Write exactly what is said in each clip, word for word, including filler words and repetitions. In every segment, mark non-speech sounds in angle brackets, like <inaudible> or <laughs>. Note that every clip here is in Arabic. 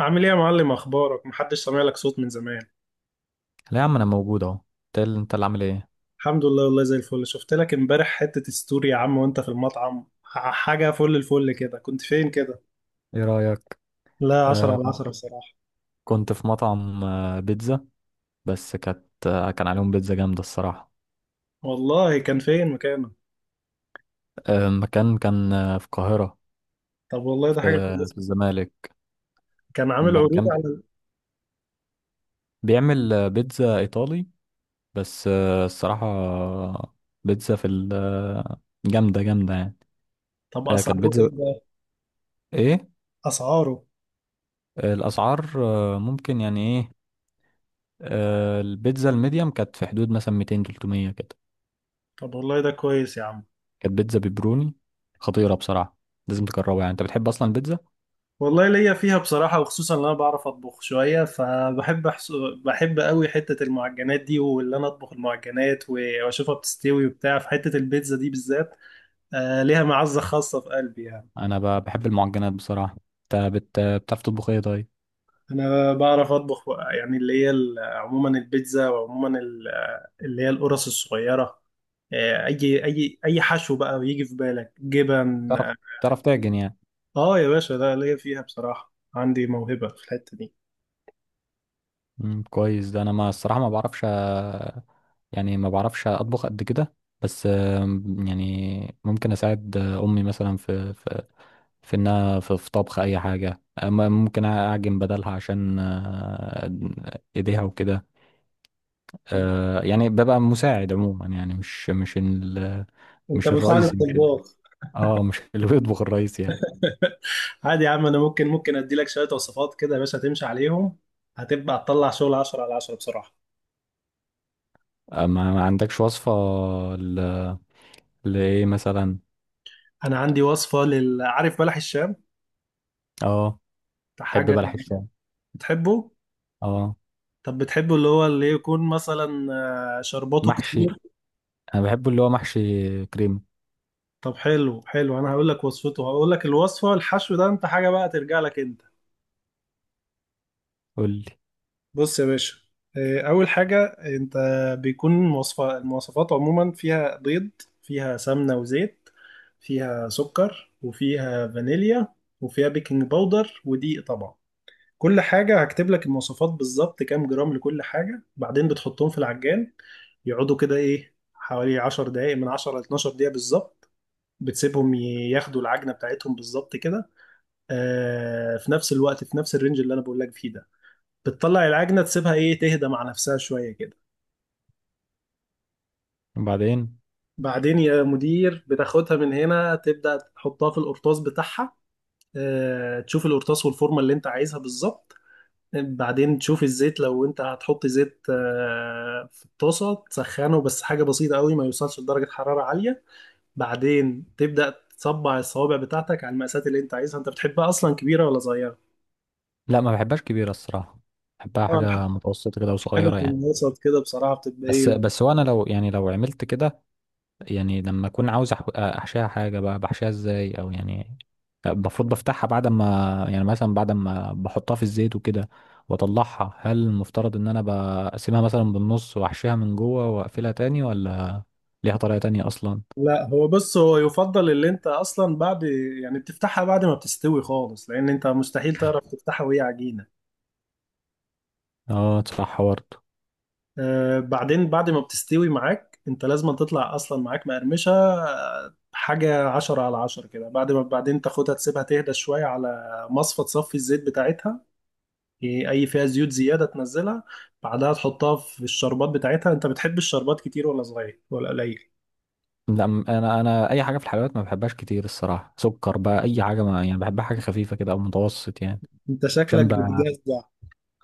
عامل ايه يا معلم؟ اخبارك، محدش سامع لك صوت من زمان. لا يا عم، انا موجود اهو. انت إيه اللي انت اللي عامل ايه؟ الحمد لله، والله زي الفل. شفت لك امبارح حتة ستوري يا عم وانت في المطعم، ح- حاجة فل الفل كده. كنت فين كده؟ ايه رايك؟ لا، عشرة آه على كنت، عشرة بصراحة. كنت في مطعم آه بيتزا. بس كانت آه كان عليهم بيتزا جامده الصراحه. والله كان فين مكانه؟ آه مكان كان آه في القاهره، طب والله في, ده حاجة كويسة. في الزمالك. كان عامل عروض مكان بي- على؟ بيعمل آه، بيتزا ايطالي. بس آه الصراحه آه، بيتزا في ال- آه، جامده جامده يعني. طب آه كانت اسعاره ايه بيتزا، ده؟ ايه؟ اسعاره؟ آه الاسعار آه ممكن يعني ايه. آه البيتزا الميديم كانت في حدود مثلا ميتين تلت ميه كده. طب والله ده كويس يا عم. كانت بيتزا بيبروني خطيرة بصراحة. لازم تجربها، يعني انت بتحب اصلا البيتزا؟ والله ليا فيها بصراحة، وخصوصا ان انا بعرف اطبخ شوية، فبحب أحس... بحب قوي حتة المعجنات دي، واللي انا اطبخ المعجنات و- واشوفها بتستوي وبتاع، في حتة البيتزا دي بالذات آه، ليها معزة خاصة في قلبي يعني. انا ب- بحب المعجنات بصراحة. انت بت... بتعرف تطبخ ايه طيب؟ أنا بعرف أطبخ بقى، يعني اللي هي ال- عموما البيتزا، وعموما ال- اللي هي القرص الصغيرة، آه، أي أي أي حشو بقى بيجي في بالك، جبن، بتعرف، آه. بتعرف تعجن يعني؟ آه يا باشا، ده ليا فيها بصراحة، عندي موهبة في الحتة دي. مم، كويس ده. انا ما الصراحة ما بعرفش، آه، يعني ما بعرفش اطبخ قد كده. بس آم، يعني ممكن اساعد آه، امي مثلا في في في انها في, في طبخ اي حاجة. آه، م- ممكن اعجن بدلها عشان آه، ايديها وكده. طب آه يعني ببقى مساعد عموما، يعني مش مش ال، أنت مش مساعد الرئيسي، مش ال الطباخ. اه مش <laughs> اللي بيطبخ الرئيسي يعني. <laughs> عادي يا عم، أنا ممكن ممكن أديلك شوية وصفات كده يا باشا تمشي عليهم، هتبقى تطلع شغل عشرة على عشرة بصراحة. آه، ما ما عندكش وصفة ل... لإيه مثلا؟ أنا عندي وصفة لل، عارف بلح الشام؟ اه. ده بحب حاجة. بلح الشام. بتحبه؟ اه، طب بتحبه اللي هو اللي يكون مثلا آه، شرباته محشي. كتير؟ انا بحبه اللي هو محشي كريم. طب حلو حلو، انا هقول لك وصفته، هقول لك الوصفه، الحشو ده انت حاجه بقى ترجع لك انت. قول لي. بص يا باشا، آه، اول حاجه انت بيكون وصفه، المواصفات عموما فيها بيض، فيها سمنه وزيت، فيها سكر وفيها فانيليا، وفيها بيكنج باودر ودقيق طبعا. كل حاجة هكتب لك المواصفات بالظبط، كام جرام لكل حاجة، بعدين بتحطهم في العجان. يقعدوا كده ايه، حوالي عشر دقايق، من عشرة ل اثنتي عشرة دقيقة بالظبط. بتسيبهم ي- ياخدوا العجنة بتاعتهم بالظبط كده. آه، في نفس الوقت، في نفس الرينج اللي انا بقول لك فيه ده بتطلع العجنة، تسيبها ايه، تهدى مع نفسها شوية كده. وبعدين؟ بعدين يا مدير بتاخدها من هنا، تبدأ تحطها في القرطاس بتاعها، آه تشوف القرطاس والفورمة اللي انت عايزها بالظبط. بعدين تشوف الزيت لو انت هتحط زيت آه، في الطاسة، تسخنه بس حاجة بسيطة قوي ما يوصلش لدرجة حرارة عالية. بعدين تبدأ تصبع الصوابع بتاعتك على المقاسات اللي انت عايزها. انت بتحبها اصلا كبيرة ولا صغيرة؟ لا، ما بحبهاش كبيرة الصراحة. بحبها حاجة اه، متوسطة كده حاجة وصغيرة في يعني. الوسط كده بصراحة بتبقى بس ايه. بس وانا لو، يعني لو عملت كده، يعني لما اكون عاوز أح- احشيها حاجه بقى، بحشيها ازاي؟ او يعني المفروض بفتحها بعد ما، يعني مثلا بعد ما بحطها في الزيت وكده واطلعها، هل المفترض ان انا بقسمها مثلا بالنص واحشيها من جوه واقفلها تاني، ولا ليها طريقه تانية اصلا؟ لا هو بص، هو يفضل اللي انت اصلا بعد، يعني بتفتحها بعد ما بتستوي خالص، لان انت مستحيل تعرف تفتحها وهي عجينة. اه صح برضه. آه، بعدين بعد ما بتستوي معاك، انت لازم تطلع اصلا معاك مقرمشه آه، حاجه عشرة على عشرة كده. بعد ما بعدين تاخدها، تسيبها تهدى شويه على مصفى تصفي الزيت بتاعتها. إيه، اي فيها زيوت زياده تنزلها. بعدها تحطها في الشربات بتاعتها. انت بتحب الشربات كتير ولا صغير ولا قليل؟ لا، م- انا انا اي حاجه في الحلويات ما بحبهاش كتير الصراحه. سكر بقى اي حاجه، ما يعني بحبها حاجه خفيفه كده او متوسط يعني. انت شكلك عشان بقى، بتجزع.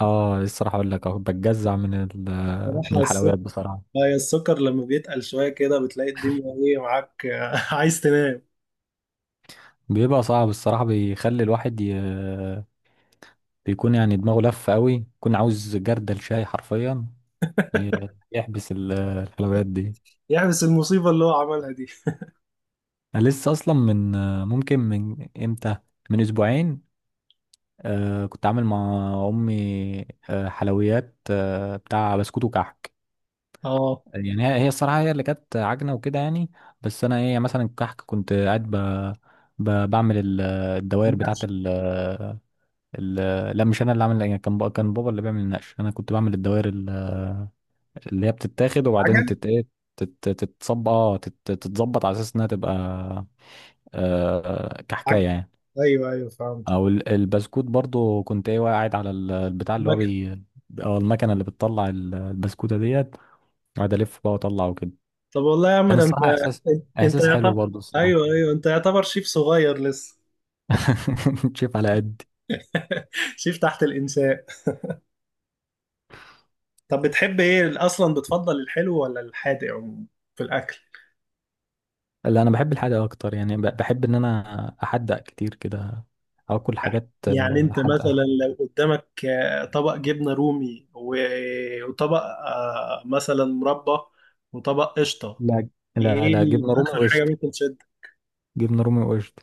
اه الصراحه اقول لك أهو، بتجزع من ال- من بصراحه السكر، الحلويات بصراحه. هي السكر لما بيتقل شويه كده بتلاقي الدنيا ايه معاك، <laughs> آه، عايز تنام. بيبقى صعب الصراحة. بيخلي الواحد ي... بيكون يعني دماغه لف قوي، يكون عاوز جردل شاي حرفيا ي- يحبس ال- الحلويات دي. يحبس المصيبه اللي هو عملها دي. أنا لسه أصلا من، ممكن من إمتى، من أسبوعين. آه كنت عامل مع أمي آه حلويات آه بتاع بسكوت وكحك. اه يعني هي هي الصراحة هي اللي كانت عجنة وكده يعني. بس أنا هي مثلا الكحك كنت قاعد ب... ب... بعمل ال- الدوائر بتاعة ال- لا، مش انا اللي عامل العجينه، كان بقى كان بابا اللي بيعمل النقش. انا كنت بعمل الدوائر ال- اللي هي بتتاخد وبعدين حاجه. تت ايه تت- تتصب. اه تت- تتظبط على اساس انها تبقى آه كحكايه عجب. يعني. ايوه ايوه فهمت. او ال- البسكوت برضو، كنت ايه قاعد على ال- البتاع اللي هو مكتب. بي، او المكنه اللي بتطلع ال- البسكوته ديت، قاعد الف بقى واطلع وكده. طب والله يا عم، كان ده انت، الصراحه احساس، انت احساس حلو يعتبر، برضو الصراحه. ايوه ايوه انت يعتبر شيف صغير لسه. <laughs> شايف على قد. <laughs> شيف تحت الانشاء. طب بتحب ايه اصلا، بتفضل الحلو ولا الحادق عموما في الاكل؟ لا انا بحب الحادق اكتر، يعني ب- بحب ان انا احدق كتير كده، اكل حاجات يعني انت مثلا حادقه. لو قدامك آه، طبق جبنه رومي و- وطبق آه، مثلا مربى، وطبق قشطه، لا، لا ايه لا ال- جبنة رومي اكتر حاجه وقشطة. ممكن تشد؟ جبنة رومي وقشطة.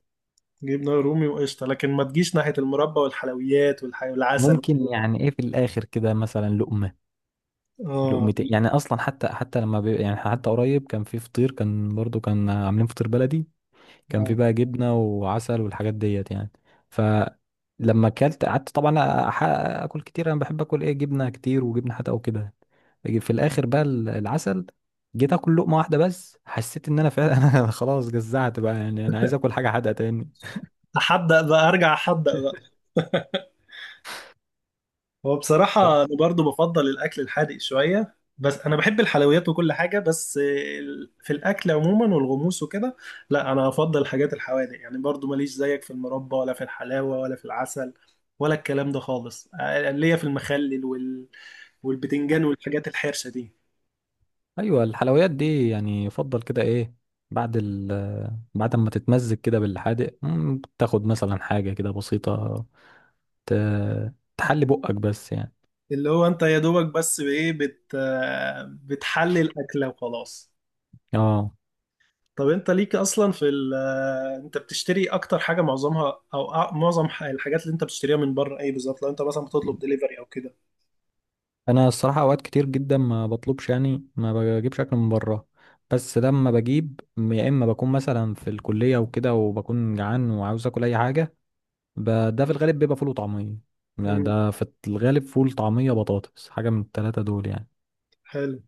جبنه رومي وقشطه، لكن ما تجيش ناحيه المربى والحلويات والح- والعسل ممكن وكده. يعني ايه في الاخر كده مثلا لقمة اه. لقمتين يعني، اصلا حتى، حتى لما بي يعني، حتى قريب كان في فطير، كان برضو كان عاملين فطير بلدي، كان في آه. بقى جبنة وعسل والحاجات ديت يعني. فلما اكلت قعدت طبعا، أح- اكل كتير. انا بحب اكل ايه، جبنة كتير وجبنة حتى وكده. في الاخر بقى ال- العسل، جيت اكل لقمة واحدة بس، حسيت ان انا فعلا <laughs> انا خلاص جزعت بقى. يعني انا عايز اكل حاجة حادقة تاني. احدق بقى، ارجع احدق بقى. هو بصراحة انا برضو بفضل الاكل الحادق شوية، بس انا بحب الحلويات وكل حاجة، بس ال- في الاكل عموما والغموس وكده، لا انا افضل الحاجات الحوادق يعني. برضو ماليش زيك في المربى، ولا في الحلاوة، ولا في العسل، ولا الكلام ده خالص. أنا ليا في المخلل وال... والبتنجان والحاجات الحرشة دي. ايوه الحلويات دي يعني يفضل كده ايه، بعد ال، بعد ما تتمزج كده بالحادق، مم، تاخد مثلا حاجه كده بسيطه ت... تحلي بقك بس يعني. اللي هو انت يا دوبك بس بايه بت... بتحلي الاكلة وخلاص. اه طب انت ليك اصلا في ال، انت بتشتري اكتر حاجه معظمها او أ- معظم ح- الحاجات اللي انت بتشتريها من بره ايه بالظبط، لو انت مثلا بتطلب دليفري او كده؟ انا الصراحه اوقات كتير جدا ما بطلبش، يعني ما بجيبش اكل من بره. بس لما بجيب، يا اما بكون مثلا في الكليه وكده وبكون جعان وعاوز اكل اي حاجه، ب... ده في الغالب بيبقى فول وطعميه. يعني امم ده في الغالب فول طعميه بطاطس، حاجه من الثلاثه دول يعني. حلو.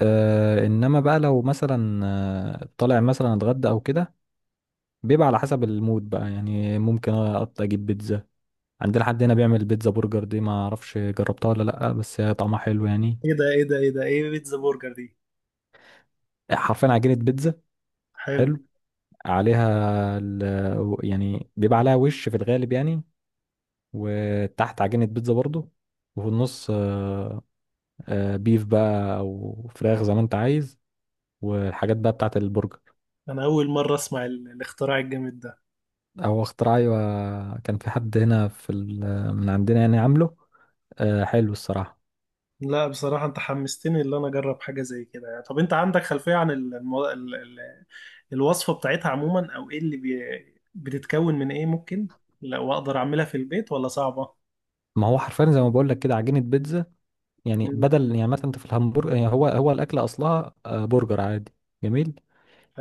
آه انما بقى لو مثلا آه، طالع مثلا اتغدى او كده، بيبقى على حسب المود بقى يعني. ممكن اقطع اجيب بيتزا. عندنا حد هنا بيعمل بيتزا برجر دي، ما اعرفش جربتها ولا لا، بس هي طعمها حلو يعني. ايه ده، ايه ده، ايه ده، ايه بيتزا برجر دي؟ حرفيا عجينة بيتزا. حلو. حلو. عليها ال... يعني بيبقى عليها وش في الغالب يعني، وتحت عجينة بيتزا برضو، وفي النص آه، آه، بيف بقى او فراخ زي ما انت عايز، والحاجات بقى بتاعت البرجر. انا اول مره اسمع ال- الاختراع الجامد ده. هو اختراع، ايوه كان في حد هنا في ال- من عندنا يعني عامله. آه حلو الصراحه. لا بصراحه انت حمستني ان انا اجرب حاجه زي كده. يعني طب انت عندك خلفيه عن ال... المو... ال... ال... الوصفه بتاعتها عموما، او ايه اللي بي... بتتكون من ايه ممكن، لو اقدر اعملها في البيت ولا صعبه؟ ما هو حرفيا زي ما بقول لك كده، عجينه بيتزا. يعني امم بدل، يعني مثلا انت في الهمبرجر يعني، هو هو الاكل اصلها آه برجر عادي. جميل.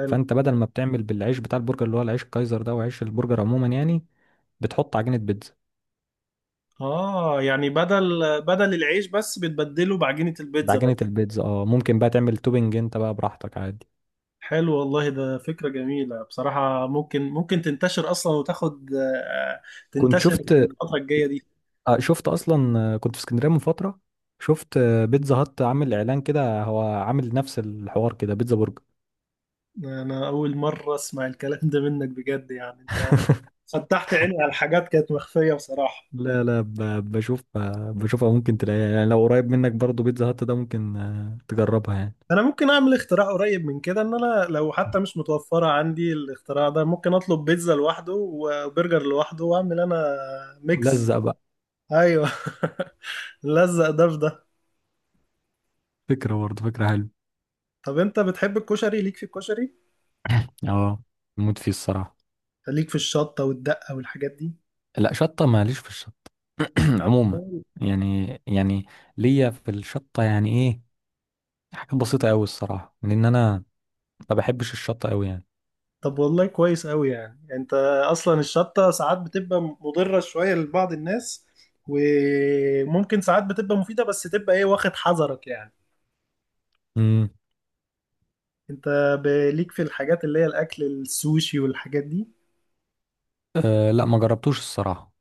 فانت بدل ما بتعمل بالعيش بتاع البرجر اللي هو العيش الكايزر ده وعيش البرجر عموما يعني، بتحط عجينه بيتزا. اه، يعني بدل بدل العيش بس بتبدله بعجينة البيتزا بعجينه بس. البيتزا اه، ممكن بقى تعمل توبنج انت بقى براحتك عادي. حلو والله، ده فكرة جميلة بصراحة، ممكن ممكن تنتشر اصلا، وتاخد آه، كنت تنتشر في شفت، الفترة الجاية دي. آه، شفت اصلا، آه، كنت في اسكندريه من فتره، شفت آه، بيتزا هات عامل اعلان كده، هو عامل نفس الحوار كده، بيتزا برجر. انا اول مرة اسمع الكلام ده منك بجد، يعني انت <laughs> فتحت عيني على حاجات كانت مخفية بصراحة. لا لا، ب- بشوف، آه، بشوفها ممكن تلاقيها يعني. لو قريب منك برضو بيتزا هات ده، ممكن آه، تجربها يعني. انا ممكن اعمل اختراع قريب من كده، ان انا لو حتى مش متوفرة عندي الاختراع ده ممكن اطلب بيتزا لوحده وبرجر لوحده واعمل انا ميكس. لزق بقى. ايوه. <laughs> لزق ده في ده. فكرة برضه، فكرة حلوة. طب انت بتحب الكشري؟ ليك في الكشري؟ اه، موت فيه الصراحة. ليك في الشطة والدقة والحاجات دي؟ لا شطة، ماليش في الشطة. <clears throat> عموما أوي. يعني، يعني ليا في الشطة يعني ايه، حاجات بسيطة قوي الصراحة، لان انا ما بحبش الشطة قوي يعني. طب والله كويس قوي، يعني يعني انت، اصلا الشطة ساعات بتبقى مضرة شوية لبعض الناس، وممكن ساعات بتبقى مفيدة، بس تبقى ايه واخد حذرك يعني. امم. انت ب- ليك في الحاجات اللي هي الاكل السوشي والحاجات دي؟ أه لا، ما جربتوش الصراحة.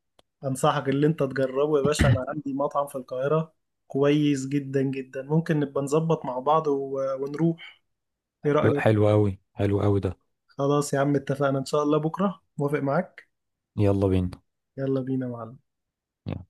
انصحك اللي انت تجربه يا باشا، انا عندي مطعم في القاهرة كويس جدا جدا، ممكن نبقى نظبط مع بعض و- ونروح، ايه لو- رأيك؟ حلو قوي، حلو قوي ده. خلاص يا عم اتفقنا، ان شاء الله بكرة، موافق معاك؟ يلا بينا. يلا بينا يا معلم. يلا.